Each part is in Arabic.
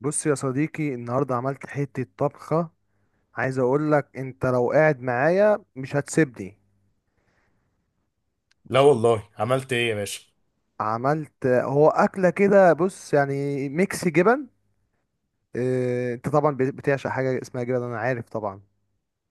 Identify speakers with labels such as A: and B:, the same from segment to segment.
A: بص يا صديقي، النهارده عملت حتة طبخة. عايز اقول لك انت لو قاعد معايا مش هتسيبني.
B: لا والله، عملت ايه يا باشا؟
A: عملت هو اكلة كده، بص يعني ميكس جبن. اه، انت طبعا بتعشق حاجة اسمها جبن، انا عارف طبعا.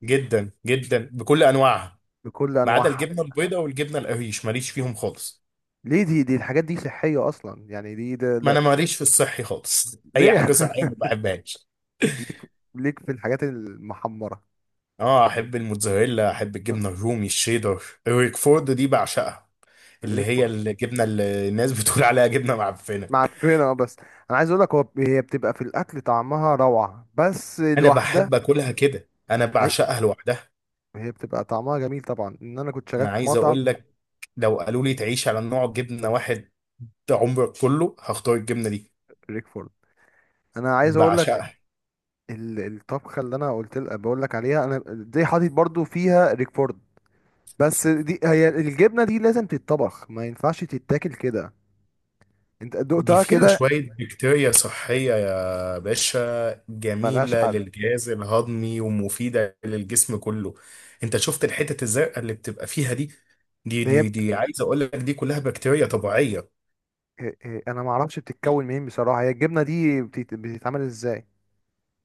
B: جدا جدا، بكل انواعها.
A: بكل
B: ما عدا
A: انواعها.
B: الجبنه البيضاء والجبنه القريش ماليش فيهم خالص.
A: ليه؟ دي الحاجات دي صحية اصلا، يعني دي ده
B: ما
A: لا-
B: انا ماليش في الصحي خالص. اي
A: ليه؟
B: حاجه صحيه ما بحبهاش.
A: ليك. ليك في الحاجات المحمرة.
B: اه، احب الموتزاريلا، احب الجبنه الرومي، الشيدر، الريكفورد دي بعشقها، اللي
A: ليك
B: هي
A: في-
B: الجبنه اللي الناس بتقول عليها جبنه معفنه.
A: معفنة، بس انا عايز اقول لك، هو هي بتبقى في الاكل طعمها روعة، بس
B: انا
A: لوحدها.
B: بحب اكلها كده، انا
A: أي-
B: بعشقها لوحدها.
A: هي بتبقى طعمها جميل طبعا، ان انا كنت شغال
B: انا
A: في
B: عايز
A: مطعم.
B: اقول لك، لو قالوا لي تعيش على نوع جبنه واحد عمرك كله، هختار الجبنه دي.
A: ريكفورد، انا عايز اقول لك،
B: بعشقها.
A: الطبخه اللي انا قلت لك بقول لك عليها، انا دي حاطط برضو فيها ريكفورد. بس دي، هي الجبنه دي لازم تتطبخ، ما ينفعش تتاكل كده. انت
B: دي
A: دقتها
B: فيها
A: كده؟
B: شوية بكتيريا صحية يا باشا،
A: ملهاش
B: جميلة
A: حل.
B: للجهاز الهضمي ومفيدة للجسم كله. انت شفت الحتت الزرقاء اللي بتبقى فيها دي؟ دي
A: هي
B: دي دي عايز اقول لك، دي كلها بكتيريا طبيعية.
A: انا ما اعرفش بتتكون منين بصراحه، هي الجبنه دي بتتعمل ازاي؟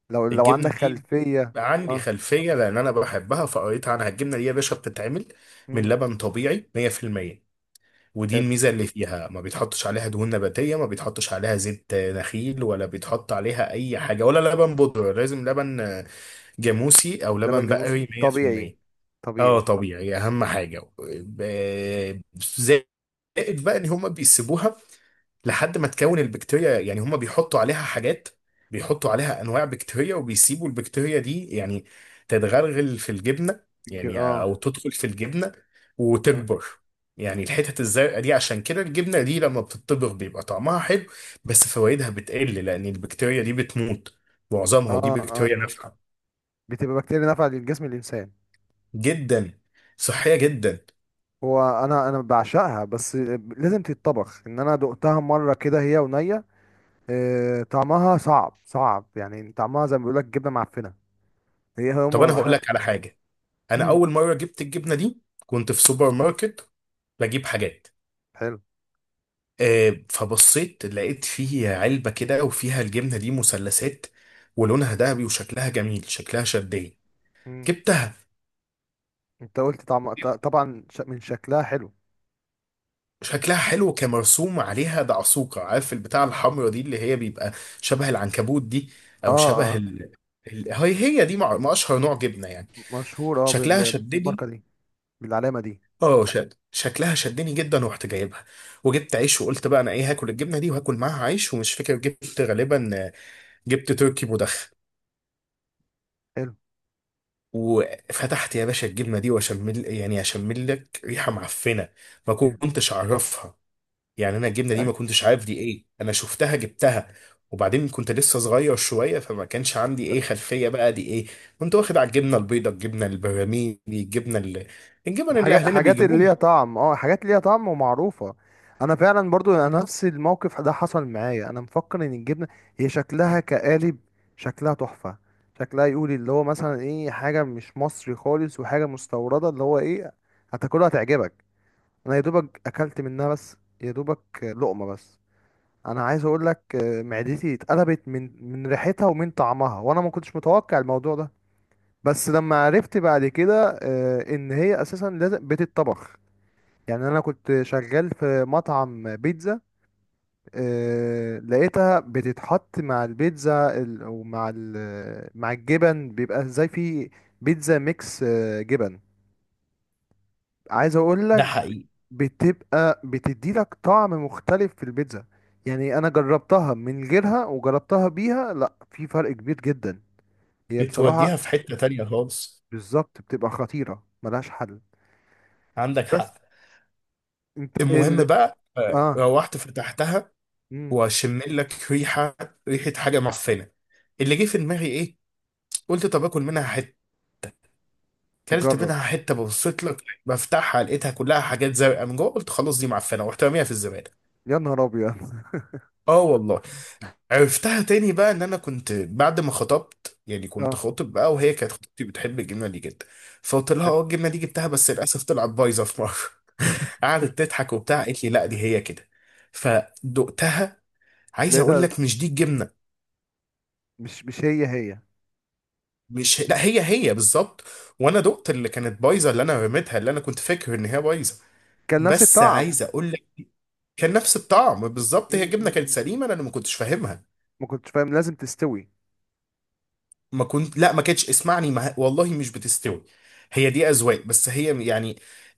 A: لو عندك
B: الجبنة دي
A: خلفيه.
B: عندي
A: اه.
B: خلفية، لان انا بحبها فقريت عنها. الجبنة دي يا باشا بتتعمل من
A: امم
B: لبن طبيعي 100%، ودي
A: حلو.
B: الميزة اللي فيها، ما بيتحطش عليها دهون نباتية، ما بيتحطش عليها زيت نخيل، ولا بيتحط عليها اي حاجة ولا لبن بودرة، لازم لبن جاموسي او
A: لبن
B: لبن
A: جاموسي
B: بقري
A: طبيعي.
B: 100%. اه،
A: طبيعي.
B: طبيعي، اهم
A: مم.
B: حاجه زائد، بقى ان هما بيسيبوها لحد ما تكون البكتيريا، يعني هما بيحطوا عليها حاجات، بيحطوا عليها انواع بكتيريا، وبيسيبوا البكتيريا دي يعني تتغلغل في الجبنه، يعني
A: اه.
B: او تدخل في الجبنه
A: تمام.
B: وتكبر. يعني الحتت الزرقاء دي، عشان كده الجبنه دي لما بتطبخ بيبقى طعمها حلو، بس فوائدها بتقل، لان البكتيريا دي بتموت معظمها،
A: اه،
B: ودي بكتيريا
A: ايوه،
B: نافعه
A: بتبقى بكتيريا نافعة للجسم الإنسان.
B: جدا، صحية جدا.
A: هو أنا بعشقها، بس لازم تتطبخ. إن أنا دقتها مرة كده هي ونية، طعمها صعب يعني، طعمها زي ما بيقولك جبنة معفنة. هي
B: طب انا
A: هما
B: هقول
A: احنا.
B: لك على حاجة. انا اول مرة جبت الجبنة دي كنت في سوبر ماركت بجيب حاجات،
A: حلو.
B: فبصيت لقيت فيه علبة كده وفيها الجبنة دي مثلثات، ولونها ذهبي وشكلها جميل، شكلها شدني،
A: مم.
B: جبتها.
A: انت قلت طعم طبعا من شكلها حلو.
B: شكلها حلو، كمرسوم عليها دعسوقة، عارف البتاع الحمرا دي اللي هي بيبقى شبه العنكبوت دي،
A: اه
B: او شبه
A: اه.
B: هي دي ما اشهر نوع جبنة يعني.
A: مشهور اه
B: شكلها شدني،
A: بالماركة دي، بالعلامة دي.
B: اه، شكلها شدني جدا، ورحت جايبها. وجبت عيش، وقلت بقى انا ايه؟ هاكل الجبنه دي وهاكل معاها عيش. ومش فاكر، جبت غالبا، جبت تركي مدخن.
A: حلو.
B: وفتحت يا باشا الجبنه دي واشمل، يعني اشمل لك ريحه معفنه ما كنتش اعرفها. يعني انا الجبنه دي ما كنتش عارف دي ايه، انا شفتها جبتها، وبعدين كنت لسه صغير شويه، فما كانش عندي ايه خلفيه بقى دي ايه. كنت واخد على الجبنه البيضاء، الجبنه البراميلي، الجبنه اللي، الجبن اللي
A: حاجات،
B: اهلنا
A: حاجات اللي
B: بيجيبوها.
A: ليها طعم، اه، حاجات ليها طعم ومعروفة. انا فعلا برضو انا نفس الموقف ده حصل معايا. انا مفكر ان الجبنة، هي شكلها كقالب، شكلها تحفة، شكلها يقول اللي هو مثلا ايه، حاجة مش مصري خالص وحاجة مستوردة، اللي هو ايه، هتاكلها هتعجبك. انا يا دوبك اكلت منها، بس يا دوبك لقمة بس. انا عايز اقول لك، معدتي اتقلبت من ريحتها ومن طعمها، وانا ما كنتش متوقع الموضوع ده. بس لما عرفت بعد كده، ان هي اساسا لازم بتتطبخ. يعني انا كنت شغال في مطعم بيتزا، لقيتها بتتحط مع البيتزا مع الجبن، بيبقى زي، في بيتزا ميكس جبن. عايز اقول
B: ده
A: لك،
B: حقيقي.
A: بتبقى بتدي لك طعم مختلف في البيتزا. يعني انا جربتها من غيرها وجربتها بيها، لا في فرق كبير جدا. هي بصراحة،
B: توديها في حتة تانية خالص.
A: بالظبط، بتبقى خطيرة، ملهاش حل.
B: عندك
A: بس
B: حق.
A: انت
B: المهم
A: ال،
B: بقى،
A: اه.
B: روحت فتحتها
A: مم.
B: واشم لك ريحة، ريحة حاجة معفنة. اللي جه في دماغي ايه؟ قلت طب اكل منها حتة. كلت
A: تجرب.
B: منها حتة، ببصيت لك بفتحها، لقيتها كلها حاجات زرقاء من جوه. قلت خلاص، دي معفنة، ورحت راميها في الزبالة.
A: يا نهار ابيض.
B: اه والله. عرفتها تاني بقى، ان انا كنت بعد ما خطبت، يعني كنت
A: اه،
B: خاطب بقى، وهي كانت خطيبتي بتحب الجبنة دي جدا، فقلت لها اه الجبنة دي جبتها بس للأسف طلعت بايظة في مرة. قعدت تضحك وبتاع، قالت لي لا، دي هي كده. فدقتها. عايز اقول
A: لقيتها.
B: لك، مش دي الجبنه،
A: مش هي هي.
B: مش لا، هي بالظبط. وانا دقت اللي كانت بايظه، اللي انا رميتها، اللي انا كنت فاكر ان هي بايظه،
A: كان نفس
B: بس
A: الطعم م-
B: عايز اقول لك، كان نفس الطعم
A: م-
B: بالظبط. هي الجبنه كانت
A: م.
B: سليمه، انا اللي ما كنتش فاهمها.
A: ما كنتش فاهم لازم تستوي.
B: ما كنت لا، ما كانتش، اسمعني، ما... والله مش بتستوي. هي دي اذواق بس، هي يعني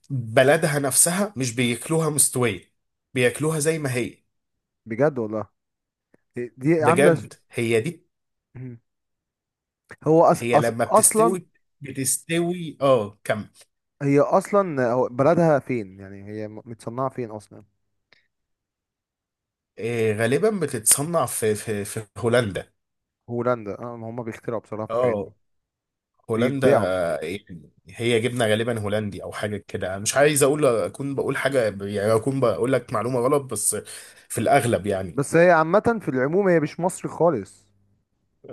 B: بلدها نفسها مش بياكلوها مستويه، بياكلوها زي ما هي.
A: بجد والله. دي عاملة
B: بجد هي دي.
A: م. هو
B: هي لما
A: أصلا،
B: بتستوي كم.
A: هي أصلا هو بلدها فين يعني، هي متصنعة فين أصلا؟
B: غالبا بتتصنع في هولندا.
A: هولندا. اه، ما هما بيخترعوا بصراحة في الحاجات دي،
B: اه، هولندا.
A: بيبدعوا.
B: يعني هي جبنه غالبا هولندي او حاجه كده، مش عايز اقول، اكون بقول حاجه، يعني اكون بقول لك معلومه غلط، بس في الاغلب يعني.
A: بس هي عامة في العموم، هي مش مصري خالص.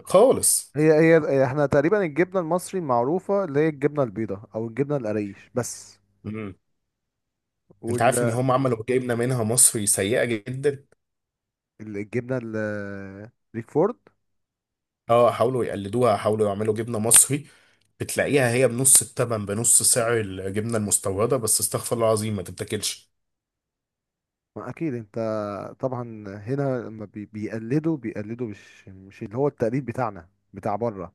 B: خالص.
A: هي احنا تقريبا الجبنة المصري المعروفة اللي هي الجبنة البيضاء أو الجبنة القريش بس،
B: مم. انت عارف ان هم عملوا جبنه منها مصري سيئه جدا؟
A: والجبنة الريكفورد.
B: اه، حاولوا يقلدوها، حاولوا يعملوا جبنه مصري، بتلاقيها هي بنص التمن، بنص سعر الجبنه المستورده، بس استغفر الله العظيم ما تتاكلش.
A: ما اكيد انت، طبعا هنا لما بيقلدوا، بيقلدوا مش، مش اللي هو التقليد بتاعنا بتاع بره.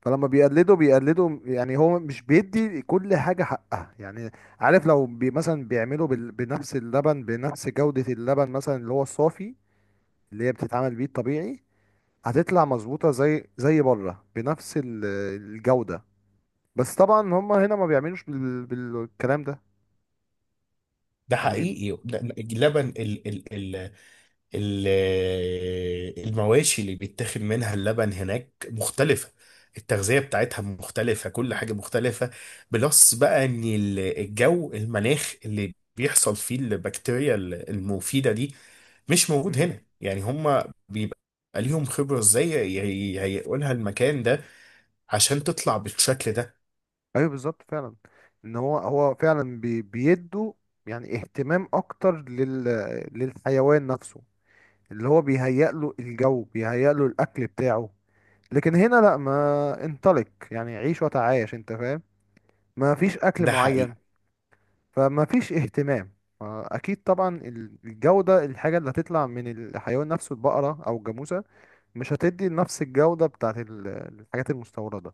A: فلما بيقلدوا بيقلدوا، يعني هو مش بيدي كل حاجة حقها يعني. عارف، لو بي مثلا بيعملوا بنفس اللبن، بنفس جودة اللبن مثلا، اللي هو الصافي، اللي هي بتتعمل بيه الطبيعي، هتطلع مظبوطة زي زي بره بنفس الجودة. بس طبعا هم هنا ما بيعملوش بالكلام ده
B: ده
A: يعني.
B: حقيقي. لا، اللبن ال ال ال ال المواشي اللي بيتاخد منها اللبن هناك مختلفة، التغذية بتاعتها مختلفة، كل حاجة مختلفة. بلس بقى ان الجو، المناخ اللي بيحصل فيه البكتيريا المفيدة دي مش موجود هنا. يعني هما بيبقى ليهم خبرة ازاي، هيقولها المكان ده، عشان تطلع بالشكل ده.
A: ايوه بالظبط فعلا. ان هو هو فعلا بي بيدوا يعني اهتمام اكتر لل، للحيوان نفسه، اللي هو بيهيأ له الجو، بيهيأ له الاكل بتاعه. لكن هنا لا، ما انطلق يعني، عيش وتعايش، انت فاهم. ما فيش اكل
B: ده حقيقي.
A: معين، فما فيش اهتمام. اكيد طبعا، الجودة، الحاجة اللي هتطلع من الحيوان نفسه، البقرة او الجاموسة، مش هتدي نفس الجودة بتاعت الحاجات المستوردة.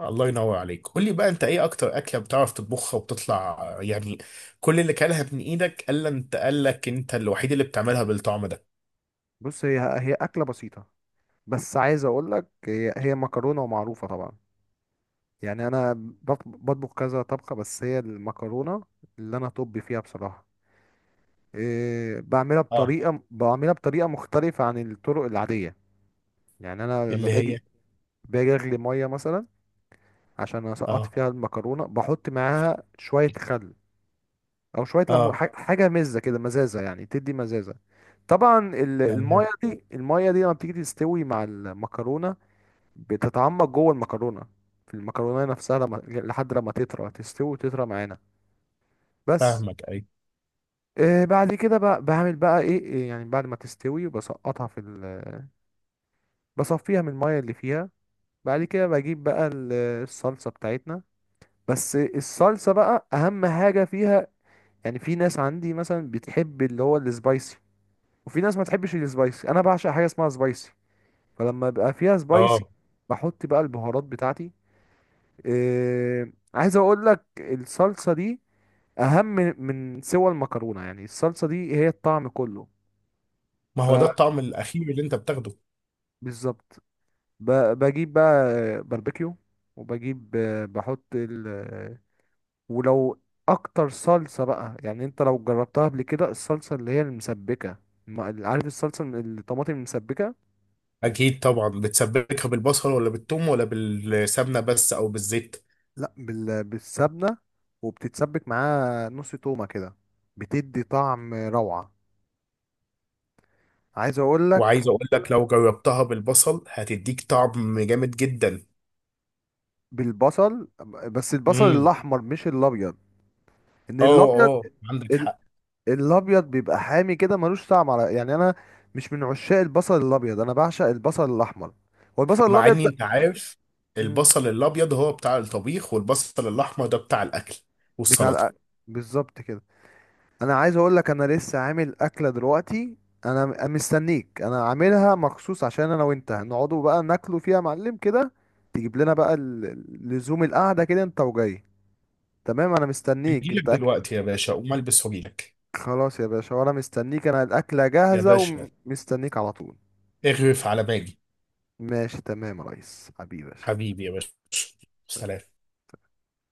B: الله ينور عليك. قول لي بقى، انت ايه اكتر اكله بتعرف تطبخها وبتطلع يعني كل اللي كلها من ايدك، الا انت قال لك انت الوحيد اللي بتعملها بالطعم ده؟
A: بص، هي هي اكلة بسيطة، بس عايز اقول لك، هي هي مكرونه ومعروفه طبعا. يعني انا بطبخ كذا طبخه، بس هي المكرونه اللي انا طبي فيها بصراحه إيه، بعملها
B: اه.
A: بطريقه، بعملها بطريقه مختلفه عن الطرق العاديه. يعني انا لما
B: اللي هي.
A: باجي، باجي اغلي ميه مثلا عشان اسقط
B: اه،
A: فيها المكرونه، بحط معاها شويه خل او شويه ليمون،
B: اه.
A: حاجه مزه كده، مزازه يعني تدي مزازه. طبعا الميه
B: تمام.
A: دي، الميه دي لما بتيجي تستوي مع المكرونه، بتتعمق جوه المكرونه، في المكرونه نفسها، لما لحد لما تطرى، تستوي وتطرى معانا بس.
B: فاهمك اي.
A: آه، بعد كده بقى بعمل بقى ايه إيه يعني، بعد ما تستوي بسقطها في ال... بصفيها من الميه اللي فيها. بعد كده بجيب بقى الصلصه بتاعتنا. بس الصلصه بقى اهم حاجه فيها. يعني في ناس عندي مثلا بتحب اللي هو السبايسي، وفي ناس ما تحبش السبايسي. انا بعشق حاجه اسمها سبايسي، فلما يبقى فيها سبايسي
B: اه.
A: بحط بقى البهارات بتاعتي. عايز اقول لك الصلصه دي اهم من سوى المكرونه، يعني الصلصه دي هي الطعم كله.
B: ما هو ده الطعم الاخير اللي انت بتاخده.
A: فبالظبط، بجيب بقى باربيكيو، وبجيب، بحط ال، ولو، اكتر صلصه بقى يعني، انت لو جربتها قبل كده، الصلصه اللي هي المسبكه، ما- عارف الصلصه الطماطم المسبكه.
B: اكيد طبعا. بتسبكها بالبصل ولا بالثوم ولا بالسمنه بس، او بالزيت؟
A: لا بالسبنه، وبتتسبك معاها نص تومه كده، بتدي طعم روعه، عايز اقول
B: وعايز
A: لك.
B: اقول لك، لو جربتها بالبصل هتديك طعم جامد جدا.
A: بالبصل، بس البصل
B: امم
A: الاحمر مش الابيض. ان
B: اه،
A: الابيض،
B: اه، عندك حق.
A: الابيض بيبقى حامي كده، ملوش طعم على يعني، انا مش من عشاق البصل الابيض، انا بعشق البصل الاحمر. هو البصل
B: مع
A: الابيض
B: اني
A: ده.
B: انت عارف،
A: مم.
B: البصل الابيض هو بتاع الطبيخ، والبصل الاحمر ده بتاع الاكل
A: بتاع
B: والسلطه.
A: بالظبط كده. انا عايز اقول لك، انا لسه عامل اكله دلوقتي، انا مستنيك، انا عاملها مخصوص عشان انا وانت نقعدوا بقى ناكلوا فيها يا معلم كده. تجيب لنا بقى لزوم القعده كده، انت وجاي. تمام، انا مستنيك
B: اجيلك
A: انت أكل.
B: دلوقتي يا باشا، اقوم البس واجيلك.
A: خلاص يا باشا، وانا مستنيك، انا الاكله
B: يا
A: جاهزه
B: باشا،
A: ومستنيك على طول.
B: اغرف على باجي.
A: ماشي تمام يا ريس، حبيبي يا باشا.
B: حبيبي يا باشا، سلام.